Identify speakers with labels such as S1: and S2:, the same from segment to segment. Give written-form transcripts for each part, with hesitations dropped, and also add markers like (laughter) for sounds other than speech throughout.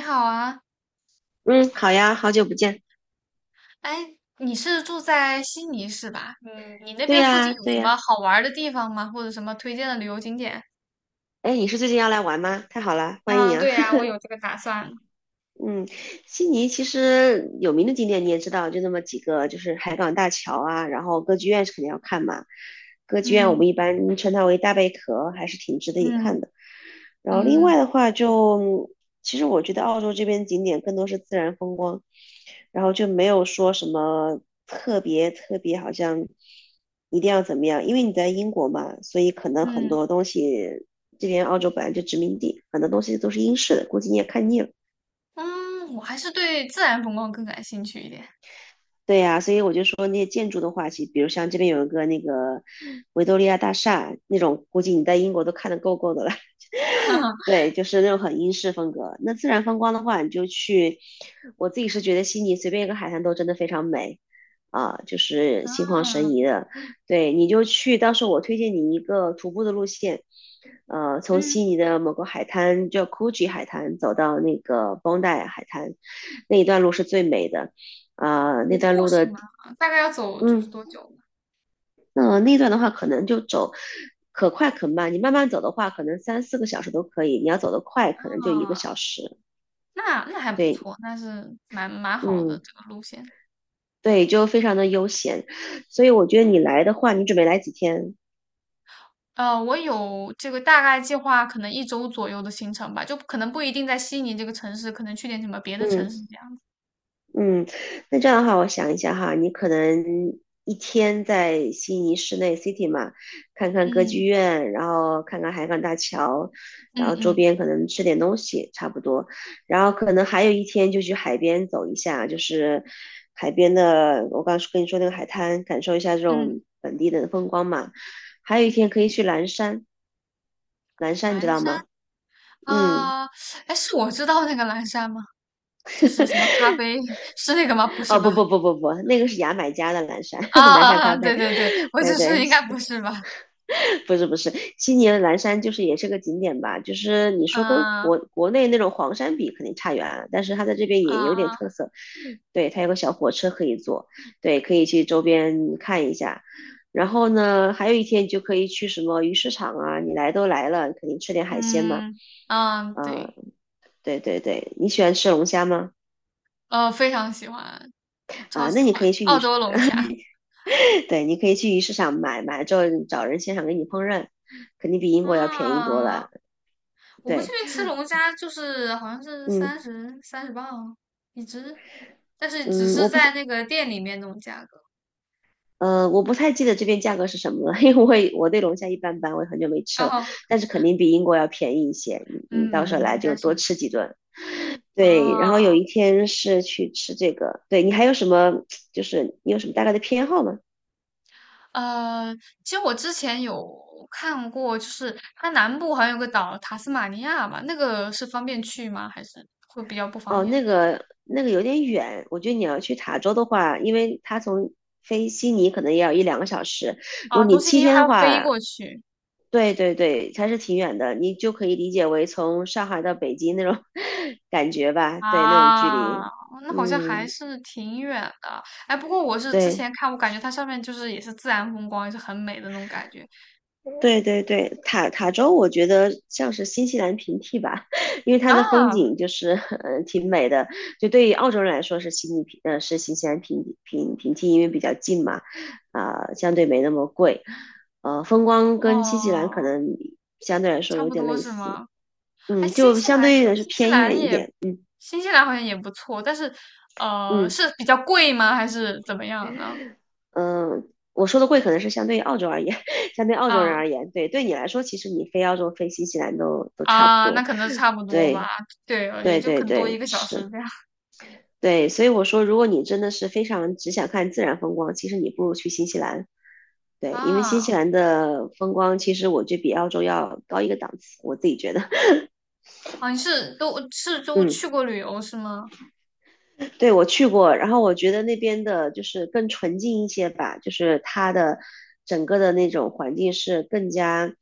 S1: 你好啊。
S2: 嗯，好呀，好久不见。
S1: 哎，你是住在悉尼是吧？嗯，你那
S2: 对
S1: 边附近
S2: 呀，
S1: 有
S2: 对
S1: 什
S2: 呀。
S1: 么好玩儿的地方吗？或者什么推荐的旅游景点？
S2: 哎，你是最近要来玩吗？太好了，欢迎
S1: 嗯，
S2: 啊。
S1: 对呀，
S2: (laughs)
S1: 我有这个打算。
S2: 嗯，悉尼其实有名的景点你也知道，就那么几个，就是海港大桥啊，然后歌剧院是肯定要看嘛。歌剧院我
S1: 嗯
S2: 们一般称它为大贝壳，还是挺值得一
S1: 嗯
S2: 看的。然后另
S1: 嗯
S2: 外的话就，其实我觉得澳洲这边景点更多是自然风光，然后就没有说什么特别特别，好像一定要怎么样，因为你在英国嘛，所以可能很
S1: 嗯
S2: 多东西，这边澳洲本来就殖民地，很多东西都是英式的，估计你也看腻了。
S1: 嗯。我还是对自然风光更感兴趣一点。(laughs)
S2: 对呀，所以我就说那些建筑的话，其实比如像这边有一个那个维多利亚大厦那种，估计你在英国都看得够够的了。
S1: 哈哈。
S2: (laughs) 对，就是那种很英式风格。那自然风光的话，你就去，我自己是觉得悉尼随便一个海滩都真的非常美啊，就是心旷神
S1: 啊。
S2: 怡的。对，你就去，到时候我推荐你一个徒步的路线，从悉
S1: 嗯，
S2: 尼的某个海滩叫 Coogee 海滩走到那个 Bondi 海滩，那一段路是最美的，啊，那
S1: 徒步
S2: 段路
S1: 是
S2: 的，
S1: 吗？大概要走就是
S2: 嗯，
S1: 多久呢？
S2: 那段的话，可能就走可快可慢。你慢慢走的话，可能三四个小时都可以；你要走得快，可能就一个
S1: 啊，
S2: 小时。
S1: 那还不
S2: 对，
S1: 错，那是蛮好的
S2: 嗯，
S1: 这个路线。
S2: 对，就非常的悠闲。所以我觉得你来的话，你准备来几天？
S1: 我有这个大概计划，可能一周左右的行程吧，就可能不一定在悉尼这个城市，可能去点什么别的城
S2: 嗯。
S1: 市这样。
S2: 嗯，那这样的话，我想一下哈，你可能一天在悉尼市内 City 嘛，看看歌
S1: 嗯
S2: 剧院，然后看看海港大桥，
S1: 嗯
S2: 然后周
S1: 嗯
S2: 边可能吃点东西，差不多。然后可能还有一天就去海边走一下，就是海边的，我刚跟你说那个海滩，感受一下这
S1: 嗯
S2: 种本地的风光嘛。还有一
S1: 嗯。
S2: 天可以去蓝山，蓝山你
S1: 蓝
S2: 知道
S1: 山
S2: 吗？嗯，
S1: 啊。哎，是我知道那个蓝山吗？就是什么咖啡，(laughs) 是那个吗？不是
S2: 哦不
S1: 吧？
S2: 不不不不，那个是牙买加的蓝山，(laughs) 蓝山
S1: 啊，
S2: 咖啡，
S1: 对对对，
S2: (laughs)
S1: 我
S2: 对
S1: 只是
S2: 对，
S1: 应该不是吧？
S2: (laughs) 不是不是，悉尼的蓝山就是也是个景点吧，就是你说跟国
S1: 嗯。
S2: 国内那种黄山比肯定差远了，但是它在这边也有点特
S1: 啊。
S2: 色，对，它有个小火车可以坐，对，可以去周边看一下。然后呢，还有一天就可以去什么鱼市场啊，你来都来了，肯定吃点海鲜嘛。
S1: 嗯嗯。
S2: 啊，
S1: 对。
S2: 对对对，你喜欢吃龙虾吗？
S1: 非常喜欢，超
S2: 啊，那
S1: 喜
S2: 你
S1: 欢
S2: 可以去鱼
S1: 澳
S2: 市，
S1: 洲龙虾。
S2: (laughs) 对，你可以去鱼市场买，买了之后找人现场给你烹饪，肯定比英国要便宜多
S1: 啊，
S2: 了。
S1: 我们这
S2: 对，
S1: 边吃龙虾就是好像是
S2: 嗯
S1: 三十磅一只，但是只
S2: 嗯，
S1: 是
S2: 我不
S1: 在
S2: 是
S1: 那个店里面那种价格。
S2: 我不太记得这边价格是什么了，因为我对龙虾一般般，我也很久没吃
S1: 然
S2: 了，
S1: 后，
S2: 但是肯定比英国要便宜一些。你到时候
S1: 嗯，
S2: 来
S1: 应
S2: 就
S1: 该
S2: 多
S1: 是。
S2: 吃几顿。对，然后有
S1: 啊。
S2: 一天是去吃这个。对你还有什么？就是你有什么大概的偏好吗？
S1: 呃，其实我之前有看过，就是它南部好像有个岛塔斯马尼亚吧，那个是方便去吗？还是会比较不方
S2: 哦，那
S1: 便？
S2: 个那个有点远，我觉得你要去塔州的话，因为它从飞悉尼可能也要1、2个小时，如果
S1: 啊，从
S2: 你
S1: 悉
S2: 七
S1: 尼
S2: 天
S1: 还
S2: 的
S1: 要飞
S2: 话，
S1: 过去。
S2: 对对对，还是挺远的，你就可以理解为从上海到北京那种 (laughs) 感觉吧，对，那种距
S1: 啊，哦
S2: 离。
S1: 那好像还
S2: 嗯，
S1: 是挺远的。哎，不过我是之
S2: 对
S1: 前看，我感觉它上面就是也是自然风光，也是很美的那种感觉
S2: 对对对，塔州我觉得像是新西兰平替吧，(laughs) 因为它的风
S1: 啊。
S2: 景就是 (laughs) 挺美的，就对于澳洲人来说是悉尼平是新西兰平替，因为比较近嘛，啊，相对没那么贵，风光跟新西兰
S1: 哦，
S2: 可能相对来说
S1: 差
S2: 有
S1: 不
S2: 点
S1: 多
S2: 类
S1: 是
S2: 似，
S1: 吗？哎，
S2: 就相对来说偏远一点，
S1: 新西兰好像也不错，但是
S2: 嗯。
S1: 是比较贵吗？还是怎么样呢？
S2: 嗯，我说的贵可能是相对于澳洲而言，(laughs) 相对澳洲人
S1: 啊。
S2: 而言，对，对你来说，其实你飞澳洲、飞新西兰都差不
S1: 啊，那
S2: 多。
S1: 可能差不多吧。
S2: 对，
S1: 对，也
S2: 对，
S1: 就
S2: 对，
S1: 可能多一
S2: 对，
S1: 个小时
S2: 是，
S1: 这样。
S2: 对，所以我说，如果你真的是非常只想看自然风光，其实你不如去新西兰。对，因为新西
S1: 啊。
S2: 兰的风光其实我觉得比澳洲要高一个档次，我自己觉得。(laughs)
S1: 啊，你是都是都
S2: 嗯。
S1: 去过旅游是吗？
S2: 对，我去过，然后我觉得那边的就是更纯净一些吧，就是它的整个的那种环境是更加，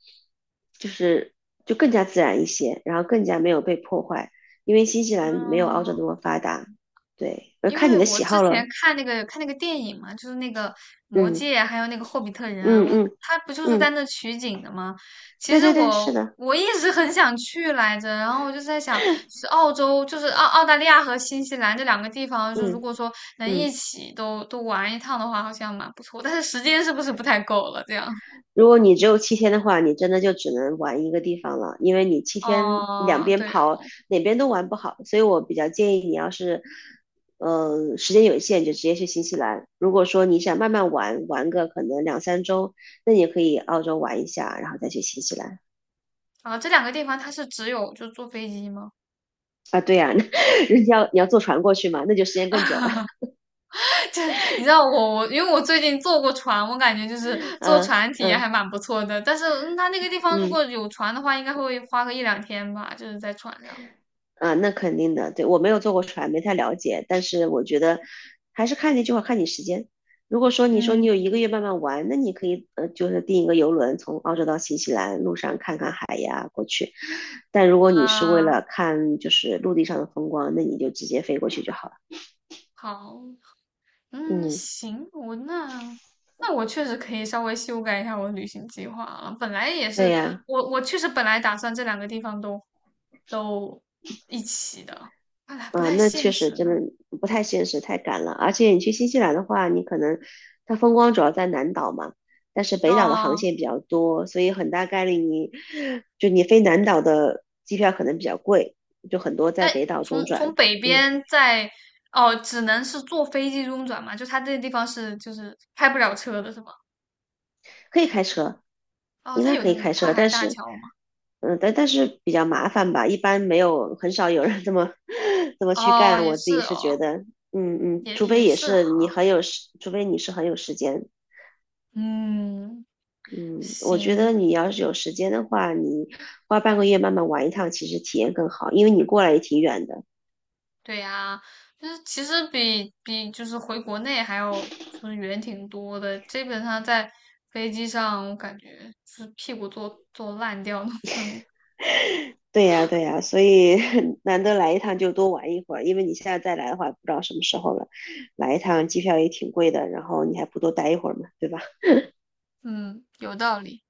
S2: 就是更加自然一些，然后更加没有被破坏，因为新西兰没有澳洲
S1: 嗯。
S2: 那么发达。对，我
S1: 因
S2: 看你
S1: 为
S2: 的
S1: 我
S2: 喜
S1: 之
S2: 好
S1: 前
S2: 了，
S1: 看那个电影嘛，就是那个《魔
S2: 嗯
S1: 戒》啊，还有那个《霍比特人》，
S2: 嗯
S1: 我
S2: 嗯
S1: 他不就是在
S2: 嗯，
S1: 那取景的吗？其
S2: 对
S1: 实
S2: 对对，
S1: 我
S2: 是的，
S1: 我一直很想去来着，然后我就在想，是澳洲，就是澳大利亚和新西兰这两个地方，就如
S2: 嗯
S1: 果说能一
S2: 嗯。
S1: 起都玩一趟的话，好像蛮不错。但是时间是不是不太够了？这样，
S2: 如果你只有七天的话，你真的就只能玩一个地方了，因为你七天两
S1: 哦、
S2: 边
S1: 对哦。
S2: 跑，哪边都玩不好。所以我比较建议你，要是，时间有限，就直接去新西兰。如果说你想慢慢玩，玩个可能2、3周，那你可以澳洲玩一下，然后再去新西兰。
S1: 啊，这两个地方它是只有就坐飞机吗？
S2: 啊，对呀，(laughs) 人家要你要坐船过去嘛，那就时间更久了。
S1: 你知道我因为我最近坐过船，我感觉就是坐
S2: 嗯
S1: 船体验还
S2: 嗯
S1: 蛮不错的。但是嗯它那个地方如
S2: 嗯。
S1: 果有船的话，应该会花个一两天吧，就是在船上。
S2: 啊，那肯定的，对，我没有坐过船，没太了解，但是我觉得还是看那句话，看你时间。如果说你说你
S1: 嗯。
S2: 有1个月慢慢玩，那你可以就是订一个游轮从澳洲到新西兰，路上看看海呀过去。但如果你是为
S1: 啊。
S2: 了看就是陆地上的风光，那你就直接飞过去就好了。
S1: 好。嗯，
S2: 嗯，
S1: 行，我那那我确实可以稍微修改一下我的旅行计划了。本来也
S2: 对
S1: 是，
S2: 呀，
S1: 我确实本来打算这两个地方都一起的，看来不太
S2: 嗯，那
S1: 现
S2: 确实
S1: 实
S2: 真
S1: 呢。
S2: 的不太现实，太赶了。而且你去新西兰的话，你可能它风光主要在南岛嘛，但是北岛的航
S1: 哦。
S2: 线比较多，所以很大概率你飞南岛的机票可能比较贵，就很多
S1: 那
S2: 在北岛中
S1: 从
S2: 转。
S1: 北
S2: 嗯，
S1: 边在哦，只能是坐飞机中转嘛？就它这个地方是就是开不了车的是吗？
S2: 可以开车，
S1: 哦，
S2: 应
S1: 它
S2: 该
S1: 有
S2: 可
S1: 那
S2: 以
S1: 个
S2: 开
S1: 跨
S2: 车，
S1: 海
S2: 但
S1: 大
S2: 是
S1: 桥吗？
S2: 嗯，但但是比较麻烦吧，一般没有很少有人这么 (laughs) 这么去
S1: 哦，
S2: 干。
S1: 也
S2: 我自
S1: 是
S2: 己是觉
S1: 哦。
S2: 得，
S1: 也
S2: 除非
S1: 也
S2: 也
S1: 是
S2: 是
S1: 哈。
S2: 你很有时，除非你是很有时间。
S1: 嗯，
S2: 嗯，我觉得
S1: 行。
S2: 你要是有时间的话，你花半个月慢慢玩一趟，其实体验更好，因为你过来也挺远的。
S1: 对呀，就是其实比就是回国内还要就是远挺多的，基本上在飞机上我感觉是屁股坐烂掉的那种。
S2: 对呀，对呀，所以 (laughs) 难得来一趟就多玩一会儿，因为你现在再来的话，不知道什么时候了。来一趟机票也挺贵的，然后你还不多待一会儿嘛，对吧？
S1: 嗯，有道理，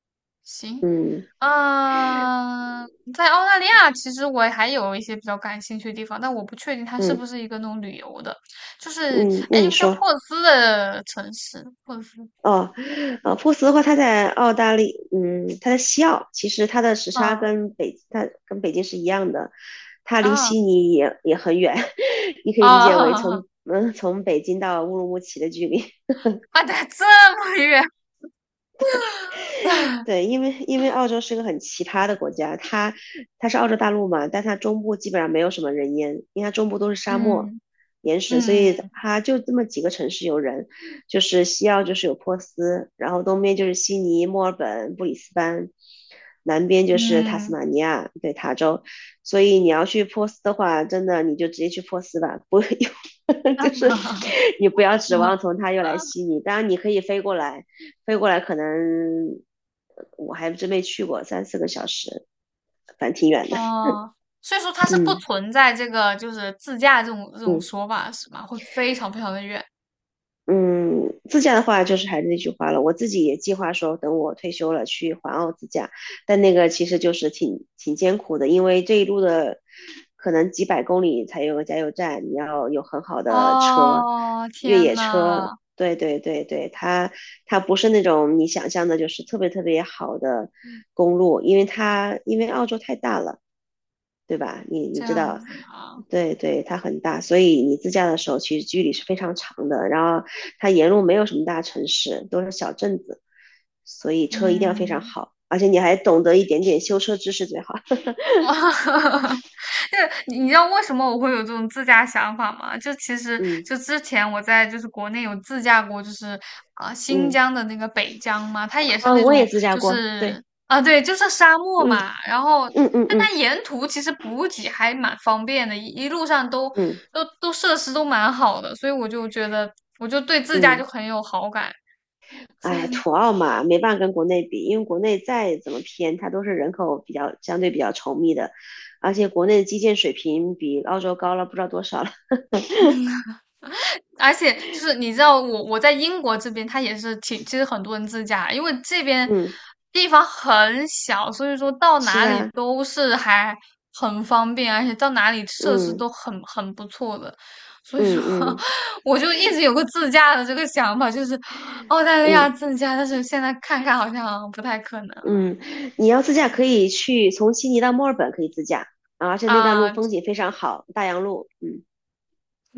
S1: 行。
S2: 嗯
S1: 嗯，在澳大利亚，其实我还有一些比较感兴趣的地方，但我不确定它是
S2: 嗯
S1: 不是一个那种旅游的，就是
S2: 嗯，那
S1: 哎，一
S2: 你
S1: 个叫
S2: 说。
S1: 珀斯的城市，珀斯。
S2: 哦，珀斯的话，它在澳大利，它在西澳，其实它的时差
S1: 啊
S2: 跟北，它跟北京是一样的，它离
S1: 啊
S2: 悉尼也很远，(laughs) 你可以理解为
S1: 啊
S2: 从，
S1: (laughs)
S2: 从北京到乌鲁木齐的距离。
S1: 啊，对，这么远。
S2: (laughs) 对，因为澳洲是个很奇葩的国家，它是澳洲大陆嘛，但它中部基本上没有什么人烟，因为它中部都是沙漠、
S1: 嗯
S2: 岩石，所
S1: 嗯
S2: 以它就这么几个城市有人，就是西澳就是有珀斯，然后东边就是悉尼、墨尔本、布里斯班，南边就是塔斯
S1: 嗯。
S2: 马尼亚，对，塔州，所以你要去珀斯的话，真的你就直接去珀斯吧，不 (laughs) 就是你
S1: 啊
S2: 不要指
S1: (laughs)
S2: 望从它又来悉尼，当然你可以飞过来。飞过来可能我还真没去过，三四个小时，反正挺远的。
S1: 哦，所以说它是不
S2: 嗯
S1: 存在这个就是自驾这种
S2: 嗯
S1: 说法是吗？会非常非常的远。
S2: 嗯，自驾的话就是还是那句话了，我自己也计划说等我退休了去环澳自驾，但那个其实就是挺挺艰苦的，因为这一路的可能几百公里才有个加油站，你要有很好的车，
S1: 哦，
S2: 越
S1: 天
S2: 野车。
S1: 呐。
S2: 对对对对，它不是那种你想象的，就是特别特别好的公路，因为澳洲太大了，对吧？你
S1: 这
S2: 知
S1: 样
S2: 道，
S1: 子啊。
S2: 对对，它很大，所以你自驾的时候其实距离是非常长的。然后它沿路没有什么大城市，都是小镇子，所以车一定要非常
S1: 嗯，
S2: 好，而且你还懂得一点点修车知识最好。(laughs)
S1: (laughs) 那你知道为什么我会有这种自驾想法吗？就其实
S2: 嗯
S1: 就之前我在就是国内有自驾过，就是啊、新
S2: 嗯，
S1: 疆的那个北疆嘛，它也是
S2: 啊，
S1: 那
S2: 我
S1: 种
S2: 也自驾
S1: 就
S2: 过，
S1: 是
S2: 对，
S1: 啊、对，就是沙漠
S2: 嗯
S1: 嘛。然后
S2: 嗯嗯
S1: 但它
S2: 嗯
S1: 沿途其实补给还蛮方便的，一路上都
S2: 嗯
S1: 都都设施都蛮好的，所以我就觉得我就对自驾就
S2: 嗯，
S1: 很有好感。
S2: 哎，
S1: (laughs)
S2: 土澳嘛，没办法跟国内比，因为国内再怎么偏，它都是人口比较相对比较稠密的，而且国内的基建水平比澳洲高了不知道多少了。
S1: 而且就是你知道我在英国这边，它也是挺，其实很多人自驾，因为
S2: (laughs)
S1: 这边
S2: 嗯，
S1: 地方很小，所以说到
S2: 是
S1: 哪里
S2: 啊。
S1: 都是还很方便，而且到哪里设施
S2: 嗯
S1: 都很不错的。所以
S2: 嗯
S1: 说，
S2: 嗯
S1: (laughs) 我就一直有个自驾的这个想法，就是澳大利亚
S2: 嗯
S1: 自驾，但是现在看看好像不太可能
S2: 嗯，你要自驾可以去从悉尼到墨尔本可以自驾，啊而且那段路
S1: 啊。
S2: 风景非常好，大洋路，嗯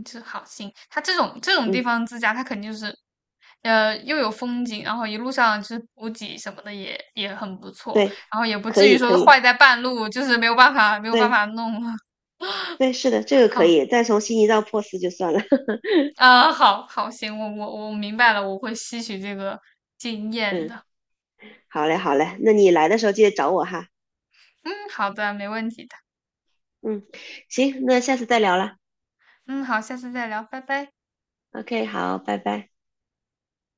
S1: 就是好心，它这种地
S2: 嗯，
S1: 方自驾，它肯定就是，又有风景，然后一路上就是补给什么的也很不错，
S2: 对，
S1: 然后也不
S2: 可
S1: 至于
S2: 以
S1: 说
S2: 可
S1: 是
S2: 以，
S1: 坏在半路，就是没有办法没有办
S2: 对
S1: 法弄了。
S2: 对，是的，这个
S1: (laughs)
S2: 可
S1: 好，
S2: 以，再从悉尼到珀斯就算了，(laughs)
S1: 好行，我明白了，我会吸取这个经验
S2: 嗯，
S1: 的。
S2: 好嘞好嘞，那你来的时候记得找我哈，
S1: 嗯，好的，没问题的。
S2: 嗯，行，那下次再聊了
S1: 嗯，好，下次再聊，拜拜。
S2: ，OK，好，拜拜。